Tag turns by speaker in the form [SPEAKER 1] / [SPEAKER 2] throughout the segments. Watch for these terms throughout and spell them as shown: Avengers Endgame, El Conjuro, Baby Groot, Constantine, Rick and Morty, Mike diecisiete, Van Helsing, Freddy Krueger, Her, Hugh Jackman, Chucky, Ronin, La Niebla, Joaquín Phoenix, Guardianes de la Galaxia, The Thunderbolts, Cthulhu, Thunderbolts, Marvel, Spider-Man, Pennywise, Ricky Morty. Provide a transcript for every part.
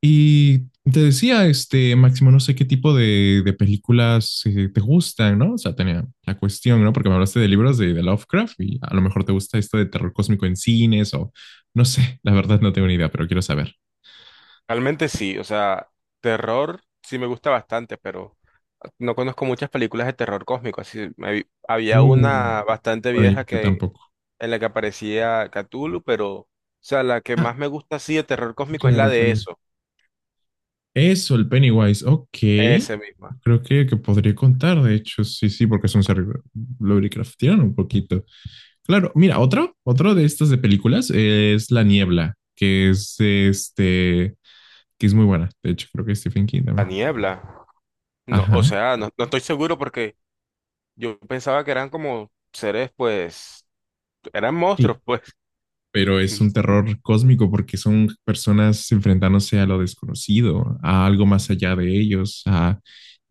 [SPEAKER 1] Y te decía, Máximo, no sé qué tipo de películas te gustan, ¿no? O sea, tenía la cuestión, ¿no? Porque me hablaste de libros de Lovecraft y a lo mejor te gusta esto de terror cósmico en cines o no sé, la verdad no tengo ni idea, pero quiero saber.
[SPEAKER 2] Realmente sí, o sea, terror sí me gusta bastante, pero no conozco muchas películas de terror cósmico. Así, había
[SPEAKER 1] Uh,
[SPEAKER 2] una bastante
[SPEAKER 1] bueno, yo,
[SPEAKER 2] vieja
[SPEAKER 1] yo
[SPEAKER 2] que
[SPEAKER 1] tampoco.
[SPEAKER 2] en la que aparecía Cthulhu, pero, o sea, la que
[SPEAKER 1] Ah,
[SPEAKER 2] más me gusta así de terror cósmico es la
[SPEAKER 1] claro,
[SPEAKER 2] de
[SPEAKER 1] claro.
[SPEAKER 2] eso,
[SPEAKER 1] Eso, el Pennywise. Ok.
[SPEAKER 2] esa misma.
[SPEAKER 1] Creo que podría contar, de hecho, sí, sí, porque es un ser Lovecraftiano un poquito. Claro, mira, otro de estas de películas es La Niebla, que es muy buena. De hecho, creo que es Stephen King
[SPEAKER 2] La
[SPEAKER 1] también.
[SPEAKER 2] niebla. No, o
[SPEAKER 1] Ajá.
[SPEAKER 2] sea, no, no estoy seguro porque yo pensaba que eran como seres, pues, eran
[SPEAKER 1] Sí.
[SPEAKER 2] monstruos, pues.
[SPEAKER 1] Pero es un terror cósmico porque son personas enfrentándose a lo desconocido, a algo más allá de ellos, a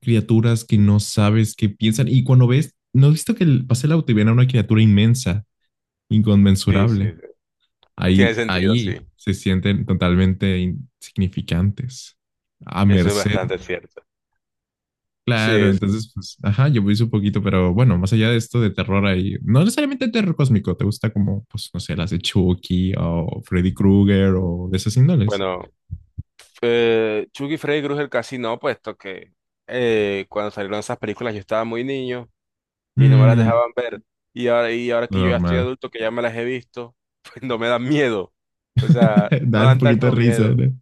[SPEAKER 1] criaturas que no sabes qué piensan. Y cuando ves, no has visto que pasé el auto y ven a una criatura inmensa
[SPEAKER 2] Sí, sí,
[SPEAKER 1] inconmensurable.
[SPEAKER 2] sí. Tiene
[SPEAKER 1] Ahí,
[SPEAKER 2] sentido, sí.
[SPEAKER 1] ahí se sienten totalmente insignificantes, a
[SPEAKER 2] Eso es
[SPEAKER 1] merced.
[SPEAKER 2] bastante cierto.
[SPEAKER 1] Claro,
[SPEAKER 2] Sí, sí.
[SPEAKER 1] entonces, pues, ajá, yo puse un poquito, pero bueno, más allá de esto de terror ahí, no necesariamente terror cósmico, ¿te gusta como, pues, no sé, las de Chucky o Freddy Krueger o de esas índoles?
[SPEAKER 2] Bueno. Chucky y Freddy Krueger casi no, puesto que cuando salieron esas películas yo estaba muy niño y no me las Ujú.
[SPEAKER 1] Mm,
[SPEAKER 2] Dejaban ver. Y ahora que yo ya estoy
[SPEAKER 1] normal.
[SPEAKER 2] adulto, que ya me las he visto, pues no me dan miedo. O sea, no
[SPEAKER 1] Dar un
[SPEAKER 2] dan
[SPEAKER 1] poquito de
[SPEAKER 2] tanto
[SPEAKER 1] risa,
[SPEAKER 2] miedo.
[SPEAKER 1] ¿no?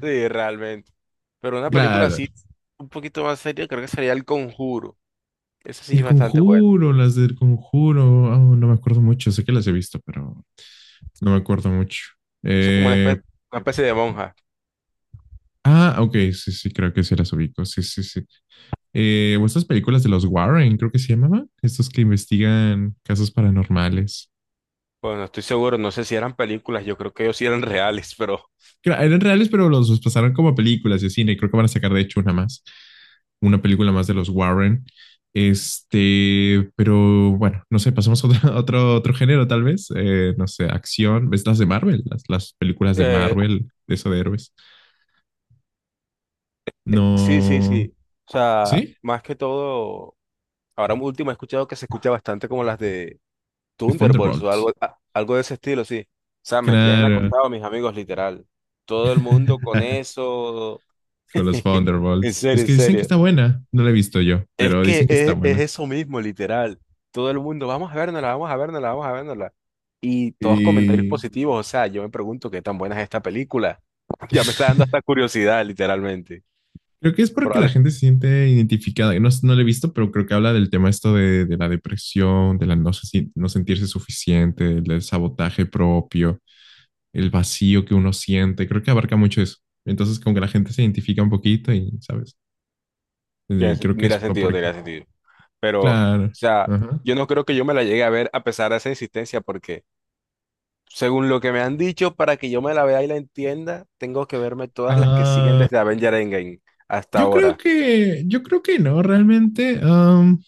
[SPEAKER 2] Sí, realmente. Pero una película
[SPEAKER 1] Claro.
[SPEAKER 2] así, un poquito más seria, creo que sería El Conjuro. Esa sí
[SPEAKER 1] El
[SPEAKER 2] es bastante buena.
[SPEAKER 1] Conjuro, las del Conjuro, oh, no me acuerdo mucho, sé que las he visto, pero no me acuerdo mucho.
[SPEAKER 2] Esa es como
[SPEAKER 1] Eh,
[SPEAKER 2] una especie de monja.
[SPEAKER 1] Ah, ok, sí, sí, creo que sí las ubico. Sí, sí, sí. O estas películas de los Warren, creo que se llamaban. Estos que investigan casos paranormales.
[SPEAKER 2] Bueno, estoy seguro, no sé si eran películas, yo creo que ellos sí eran reales, pero…
[SPEAKER 1] Que eran reales, pero los pasaron como a películas de cine. Creo que van a sacar, de hecho, una más. Una película más de los Warren. Pero bueno, no sé, pasamos a otro, otro género, tal vez. No sé, acción. ¿Ves las de Marvel? Las películas de
[SPEAKER 2] eh,
[SPEAKER 1] Marvel, de eso de héroes.
[SPEAKER 2] sí, sí,
[SPEAKER 1] No.
[SPEAKER 2] sí. O sea,
[SPEAKER 1] ¿Sí?
[SPEAKER 2] más que todo… Ahora último he escuchado que se escucha bastante como las de
[SPEAKER 1] The
[SPEAKER 2] Thunderbolts o
[SPEAKER 1] Thunderbolts.
[SPEAKER 2] algo, algo de ese estilo, sí. O sea, me tienen
[SPEAKER 1] Claro.
[SPEAKER 2] acostado mis amigos, literal. Todo el mundo con eso.
[SPEAKER 1] Con los
[SPEAKER 2] En
[SPEAKER 1] Thunderbolts.
[SPEAKER 2] serio,
[SPEAKER 1] Es
[SPEAKER 2] en
[SPEAKER 1] que dicen que
[SPEAKER 2] serio.
[SPEAKER 1] está buena, no la he visto yo, pero dicen que está
[SPEAKER 2] Es
[SPEAKER 1] buena.
[SPEAKER 2] eso mismo, literal. Todo el mundo, vamos a vernosla, vamos a vernosla, vamos a vernosla. Y todos comentarios
[SPEAKER 1] Y
[SPEAKER 2] positivos, o sea, yo me pregunto qué tan buena es esta película. Ya me está dando hasta curiosidad, literalmente.
[SPEAKER 1] creo que es porque la
[SPEAKER 2] Probablemente
[SPEAKER 1] gente se siente identificada. No, no la he visto, pero creo que habla del tema esto de la depresión, de la no, se si- no sentirse suficiente, del sabotaje propio, el vacío que uno siente. Creo que abarca mucho eso. Entonces, como que la gente se identifica un poquito y, ¿sabes? Y creo que es
[SPEAKER 2] tendría
[SPEAKER 1] por...
[SPEAKER 2] sentido, tiene sentido. Pero, o
[SPEAKER 1] Claro.
[SPEAKER 2] sea,
[SPEAKER 1] Ajá.
[SPEAKER 2] yo no creo que yo me la llegue a ver a pesar de esa insistencia, porque según lo que me han dicho, para que yo me la vea y la entienda, tengo que verme todas las que siguen
[SPEAKER 1] Ah,
[SPEAKER 2] desde Avenger Endgame hasta ahora.
[SPEAKER 1] yo creo que no, realmente.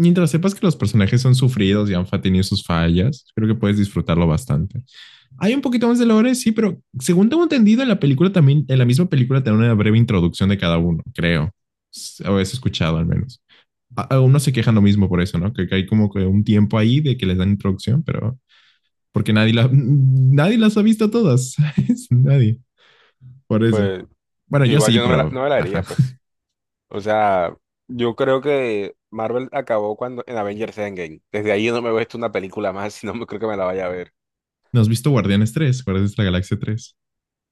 [SPEAKER 1] Mientras sepas que los personajes son sufridos y han tenido sus fallas, creo que puedes disfrutarlo bastante. Hay un poquito más de lore, sí, pero según tengo entendido, en la película también, en la misma película te una breve introducción de cada uno, creo. O eso he escuchado al menos. Algunos se quejan lo mismo por eso, ¿no? Que hay como que un tiempo ahí de que les dan introducción, pero porque nadie, nadie las ha visto todas, ¿sabes? Nadie. Por eso.
[SPEAKER 2] Pues
[SPEAKER 1] Bueno, yo
[SPEAKER 2] igual
[SPEAKER 1] sí,
[SPEAKER 2] yo
[SPEAKER 1] pero
[SPEAKER 2] no me la
[SPEAKER 1] ajá.
[SPEAKER 2] haría pues. O sea, yo creo que Marvel acabó cuando en Avengers Endgame. Desde ahí yo no me he visto una película más, si no me creo que me la vaya a ver.
[SPEAKER 1] ¿No has visto Guardianes de la Galaxia tres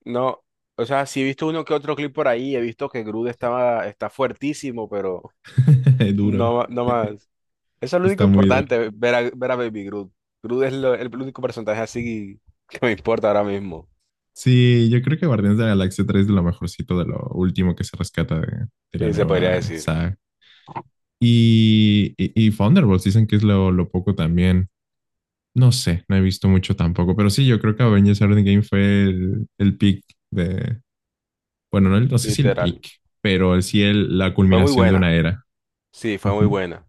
[SPEAKER 2] No, o sea, sí he visto uno que otro clip por ahí, he visto que está fuertísimo, pero
[SPEAKER 1] duro.
[SPEAKER 2] no, no más. Eso es lo único
[SPEAKER 1] Está muy duro.
[SPEAKER 2] importante, ver a Baby Groot. El único personaje así que me importa ahora mismo.
[SPEAKER 1] Sí, yo creo que Guardianes de la Galaxia 3 es de lo mejorcito, de lo último que se rescata de la
[SPEAKER 2] Y se podría
[SPEAKER 1] nueva
[SPEAKER 2] decir,
[SPEAKER 1] saga. Y Thunderbolts dicen que es lo poco también. No sé, no he visto mucho tampoco, pero sí, yo creo que Avengers Endgame fue el peak de, bueno, no, no sé si el
[SPEAKER 2] literal.
[SPEAKER 1] peak, pero sí el, la
[SPEAKER 2] Fue muy
[SPEAKER 1] culminación de una
[SPEAKER 2] buena.
[SPEAKER 1] era.
[SPEAKER 2] Sí, fue muy
[SPEAKER 1] Ujú.
[SPEAKER 2] buena.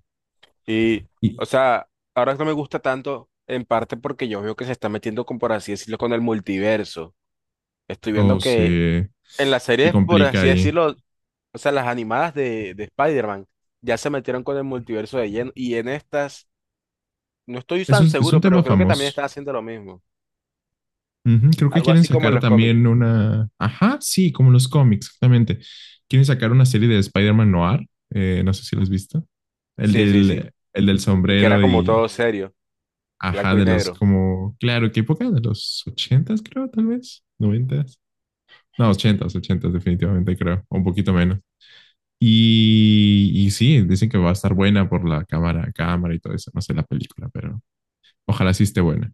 [SPEAKER 2] Y, o
[SPEAKER 1] Y,
[SPEAKER 2] sea, ahora no me gusta tanto, en parte porque yo veo que se está metiendo con, por así decirlo, con el multiverso. Estoy
[SPEAKER 1] o
[SPEAKER 2] viendo que
[SPEAKER 1] se,
[SPEAKER 2] en las
[SPEAKER 1] se
[SPEAKER 2] series, por
[SPEAKER 1] complica
[SPEAKER 2] así
[SPEAKER 1] ahí.
[SPEAKER 2] decirlo, o sea, las animadas de Spider-Man ya se metieron con el multiverso de lleno. Y en estas, no estoy tan
[SPEAKER 1] Es
[SPEAKER 2] seguro,
[SPEAKER 1] un
[SPEAKER 2] pero
[SPEAKER 1] tema
[SPEAKER 2] creo que
[SPEAKER 1] famoso.
[SPEAKER 2] también están haciendo lo mismo.
[SPEAKER 1] Ujú, creo que
[SPEAKER 2] Algo
[SPEAKER 1] quieren
[SPEAKER 2] así como en
[SPEAKER 1] sacar
[SPEAKER 2] los cómics.
[SPEAKER 1] también una. Ajá, sí, como los cómics, exactamente. Quieren sacar una serie de Spider-Man Noir. No sé si lo has visto.
[SPEAKER 2] Sí, sí, sí.
[SPEAKER 1] El del
[SPEAKER 2] El que era
[SPEAKER 1] sombrero
[SPEAKER 2] como
[SPEAKER 1] y.
[SPEAKER 2] todo serio,
[SPEAKER 1] Ajá,
[SPEAKER 2] blanco y
[SPEAKER 1] de los
[SPEAKER 2] negro.
[SPEAKER 1] como. Claro, ¿qué época? De los ochentas, creo, tal vez. Noventas. No, ochentas, ochentas, definitivamente, creo. O un poquito menos. Y sí, dicen que va a estar buena por la cámara, cámara y todo eso. No sé la película, pero ojalá sí esté buena.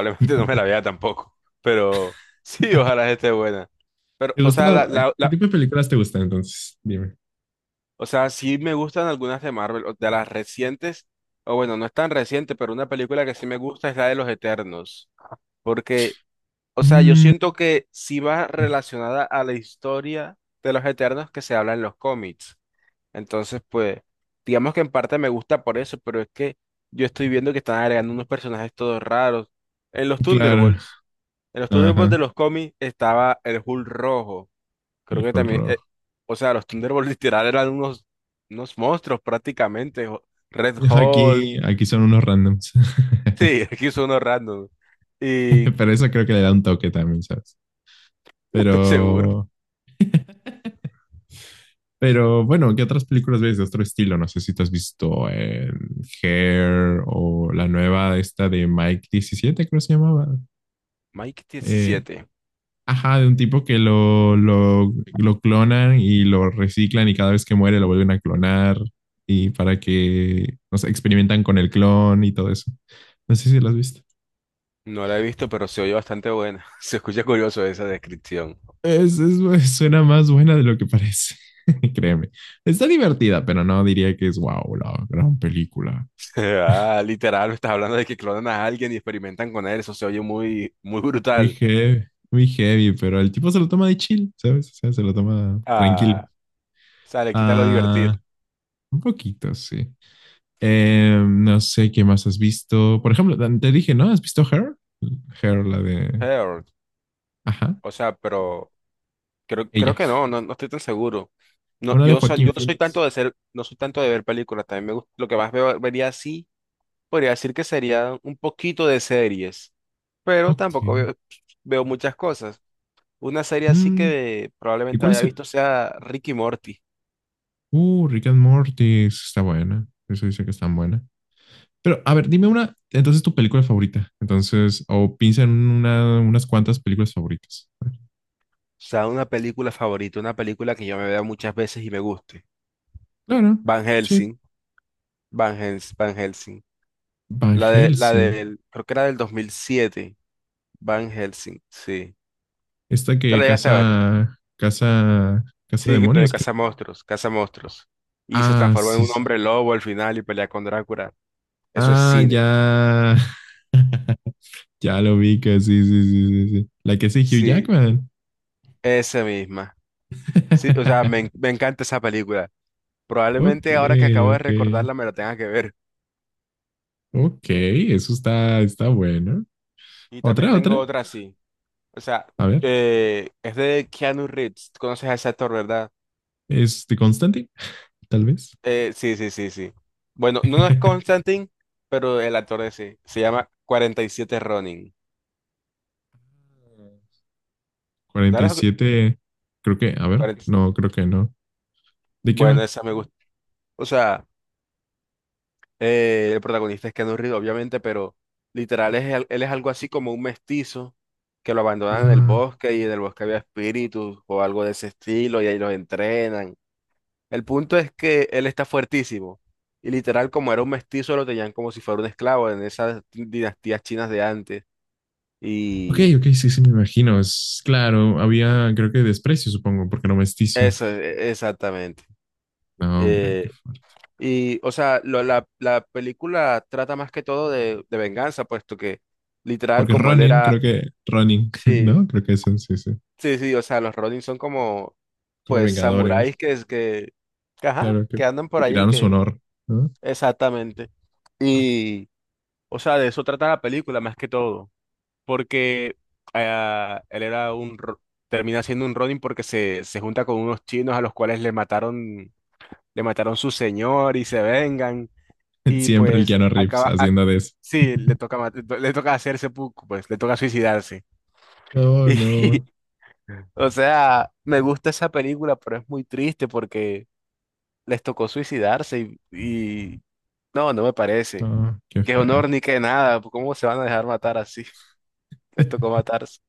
[SPEAKER 1] ¿Te
[SPEAKER 2] no me la vea tampoco. Pero sí, ojalá esté buena. Pero, o
[SPEAKER 1] gusta?
[SPEAKER 2] sea, la, la,
[SPEAKER 1] ¿Qué
[SPEAKER 2] la-
[SPEAKER 1] tipo de películas te gustan entonces? Dime.
[SPEAKER 2] o sea, sí me gustan algunas de Marvel, o de las recientes, o bueno, no es tan reciente, pero una película que sí me gusta es la de los Eternos. Porque, o sea, yo
[SPEAKER 1] Mm,
[SPEAKER 2] siento que sí va relacionada a la historia de los Eternos que se habla en los cómics. Entonces, pues, digamos que en parte me gusta por eso, pero es que yo estoy viendo que están agregando unos personajes todos raros. En los
[SPEAKER 1] claro.
[SPEAKER 2] Thunderbolts, en los Thunderbolts
[SPEAKER 1] Ajá.
[SPEAKER 2] de los cómics estaba el Hulk rojo. Creo que
[SPEAKER 1] Elijo el
[SPEAKER 2] también,
[SPEAKER 1] rojo.
[SPEAKER 2] o sea, los Thunderbolts literal eran unos, unos monstruos prácticamente. Red Hulk.
[SPEAKER 1] Aquí son unos randoms.
[SPEAKER 2] Sí, aquí son unos random. Y
[SPEAKER 1] Pero eso creo que le da un toque también, ¿sabes?
[SPEAKER 2] estoy seguro.
[SPEAKER 1] Pero, pero bueno, ¿qué otras películas ves de otro estilo? No sé si te has visto Hair o la nueva esta de Mike 17, creo que se llamaba.
[SPEAKER 2] Mike
[SPEAKER 1] Eh,
[SPEAKER 2] 17.
[SPEAKER 1] Ajá, de un tipo que lo clonan y lo reciclan y cada vez que muere lo vuelven a clonar y para que, no sé, experimentan con el clon y todo eso. No sé si lo has visto.
[SPEAKER 2] No la he visto, pero se oye bastante buena. Se escucha curioso esa descripción.
[SPEAKER 1] Suena más buena de lo que parece, créeme. Está divertida, pero no diría que es wow, la gran película.
[SPEAKER 2] Ah, literal, me estás hablando de que clonan a alguien y experimentan con él. Eso se oye muy, muy
[SPEAKER 1] Muy
[SPEAKER 2] brutal.
[SPEAKER 1] heavy, muy heavy, pero el tipo se lo toma de chill, ¿sabes? O sea, se lo toma tranquilo.
[SPEAKER 2] Ah, o sea, le quita lo divertido.
[SPEAKER 1] Ah, un poquito, sí. No sé qué más has visto. Por ejemplo, te dije, ¿no? ¿Has visto Her? Her, la de.
[SPEAKER 2] Pero,
[SPEAKER 1] Ajá,
[SPEAKER 2] o sea, pero creo, creo
[SPEAKER 1] ella.
[SPEAKER 2] que no, no, no estoy tan seguro. No,
[SPEAKER 1] Una de
[SPEAKER 2] yo
[SPEAKER 1] Joaquín
[SPEAKER 2] no soy tanto
[SPEAKER 1] Phoenix.
[SPEAKER 2] de ser, no soy tanto de ver películas. También me gusta, lo que más veo, vería así, podría decir que sería un poquito de series, pero
[SPEAKER 1] Ok.
[SPEAKER 2] tampoco veo, veo muchas cosas. Una serie así
[SPEAKER 1] Mm,
[SPEAKER 2] que
[SPEAKER 1] ¿y
[SPEAKER 2] probablemente
[SPEAKER 1] cuál
[SPEAKER 2] haya
[SPEAKER 1] es el?
[SPEAKER 2] visto sea Ricky Morty.
[SPEAKER 1] Rick and Morty. Esa está buena. Eso dice que está buena. Pero, a ver, dime una. Entonces, tu película favorita. Entonces, o piensa en una, unas cuantas películas favoritas.
[SPEAKER 2] O sea, una película favorita, una película que yo me vea muchas veces y me guste.
[SPEAKER 1] Claro,
[SPEAKER 2] Van
[SPEAKER 1] sí.
[SPEAKER 2] Helsing, Van Helsing.
[SPEAKER 1] Van
[SPEAKER 2] La
[SPEAKER 1] Helsing.
[SPEAKER 2] del, creo que era del 2007, Van Helsing, sí.
[SPEAKER 1] Esta
[SPEAKER 2] ¿Te
[SPEAKER 1] que
[SPEAKER 2] la llegaste a ver?
[SPEAKER 1] casa. Casa. Casa
[SPEAKER 2] Sí, de
[SPEAKER 1] demonios, creo.
[SPEAKER 2] caza monstruos, caza monstruos. Y se
[SPEAKER 1] Ah,
[SPEAKER 2] transforma en
[SPEAKER 1] sí,
[SPEAKER 2] un
[SPEAKER 1] sí.
[SPEAKER 2] hombre lobo al final y pelea con Drácula. Eso es
[SPEAKER 1] Ah,
[SPEAKER 2] cine.
[SPEAKER 1] ya. Ya lo vi que sí, sí, sí, sí, sí. La que sí, Hugh
[SPEAKER 2] Sí,
[SPEAKER 1] Jackman.
[SPEAKER 2] esa misma. Sí, o sea, me encanta esa película.
[SPEAKER 1] Ok,
[SPEAKER 2] Probablemente ahora que acabo de
[SPEAKER 1] ok.
[SPEAKER 2] recordarla me la tenga que ver.
[SPEAKER 1] Ok, eso está, está bueno.
[SPEAKER 2] Y también
[SPEAKER 1] Otra,
[SPEAKER 2] tengo
[SPEAKER 1] otra.
[SPEAKER 2] otra así. O sea,
[SPEAKER 1] A ver,
[SPEAKER 2] es de Keanu Reeves. ¿Tú conoces a ese actor, verdad?
[SPEAKER 1] Constantine, tal vez.
[SPEAKER 2] Sí, sí, sí, sí. Bueno, no es Constantine, pero el actor de sí. Se llama 47 Ronin.
[SPEAKER 1] Cuarenta y
[SPEAKER 2] ¿Sabes lo que-
[SPEAKER 1] siete, creo que, a ver, no, creo que no. ¿De qué
[SPEAKER 2] Bueno,
[SPEAKER 1] va?
[SPEAKER 2] esa me gusta. O sea, el protagonista es Keanu Reeves, obviamente, pero literal es, él es algo así como un mestizo que lo abandonan en el
[SPEAKER 1] Ah,
[SPEAKER 2] bosque y en el bosque había espíritus o algo de ese estilo y ahí los entrenan. El punto es que él está fuertísimo y literal como era un mestizo lo tenían como si fuera un esclavo en esas dinastías chinas de antes.
[SPEAKER 1] ok,
[SPEAKER 2] Y
[SPEAKER 1] ok, sí, sí, me imagino. Es claro, había, creo que desprecio, supongo, porque no mestizo.
[SPEAKER 2] Exactamente.
[SPEAKER 1] No, hombre, qué
[SPEAKER 2] Eh,
[SPEAKER 1] fuerte.
[SPEAKER 2] o sea, la película trata más que todo de venganza, puesto que literal,
[SPEAKER 1] Porque
[SPEAKER 2] como él
[SPEAKER 1] Ronin,
[SPEAKER 2] era,
[SPEAKER 1] creo que Ronin,
[SPEAKER 2] sí,
[SPEAKER 1] ¿no? Creo que eso, sí, sí.
[SPEAKER 2] sí, sí, o sea, los Ronin son como,
[SPEAKER 1] Como
[SPEAKER 2] pues, samuráis
[SPEAKER 1] Vengadores,
[SPEAKER 2] que es que, ajá,
[SPEAKER 1] claro,
[SPEAKER 2] que andan por
[SPEAKER 1] que
[SPEAKER 2] allí,
[SPEAKER 1] tiraron su
[SPEAKER 2] que,
[SPEAKER 1] honor, ¿no?
[SPEAKER 2] exactamente. Y, o sea, de eso trata la película más que todo, porque ah, él era un, ro- termina siendo un Ronin porque se junta con unos chinos a los cuales le mataron su señor y se vengan. Y
[SPEAKER 1] Siempre el
[SPEAKER 2] pues
[SPEAKER 1] Keanu Reeves haciendo de eso.
[SPEAKER 2] sí, le toca hacer seppuku, pues, le toca suicidarse.
[SPEAKER 1] Oh,
[SPEAKER 2] Y,
[SPEAKER 1] no,
[SPEAKER 2] o sea, me gusta esa película, pero es muy triste porque les tocó suicidarse y no, no me parece.
[SPEAKER 1] no, qué
[SPEAKER 2] Qué
[SPEAKER 1] feo.
[SPEAKER 2] honor ni qué nada, ¿cómo se van a dejar matar así? Les tocó matarse.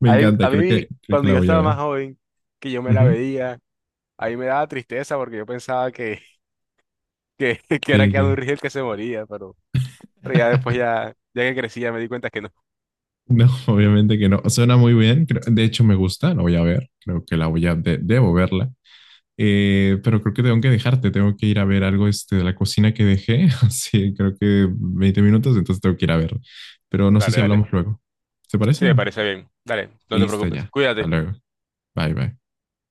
[SPEAKER 1] Me encanta,
[SPEAKER 2] A mí,
[SPEAKER 1] creo que
[SPEAKER 2] cuando
[SPEAKER 1] la
[SPEAKER 2] yo
[SPEAKER 1] voy a
[SPEAKER 2] estaba más
[SPEAKER 1] ver.
[SPEAKER 2] joven, que yo me la
[SPEAKER 1] Ujú.
[SPEAKER 2] veía, a mí me daba tristeza porque yo pensaba que era
[SPEAKER 1] ¿Qué,
[SPEAKER 2] Keanu
[SPEAKER 1] qué?
[SPEAKER 2] Reeves el que se moría, pero… Pero ya después, ya, ya que crecí ya me di cuenta que no.
[SPEAKER 1] No, obviamente que no. Suena muy bien. De hecho, me gusta, la voy a ver. Creo que la voy a, debo verla. Pero creo que tengo que dejarte, tengo que ir a ver algo de la cocina que dejé, así creo que 20 minutos, entonces tengo que ir a ver. Pero no sé
[SPEAKER 2] Dale,
[SPEAKER 1] si
[SPEAKER 2] dale.
[SPEAKER 1] hablamos luego. ¿Te parece
[SPEAKER 2] Sí, me
[SPEAKER 1] bien?
[SPEAKER 2] parece bien. Dale, no te
[SPEAKER 1] Listo
[SPEAKER 2] preocupes.
[SPEAKER 1] ya. Hasta
[SPEAKER 2] Cuídate.
[SPEAKER 1] luego. Bye, bye.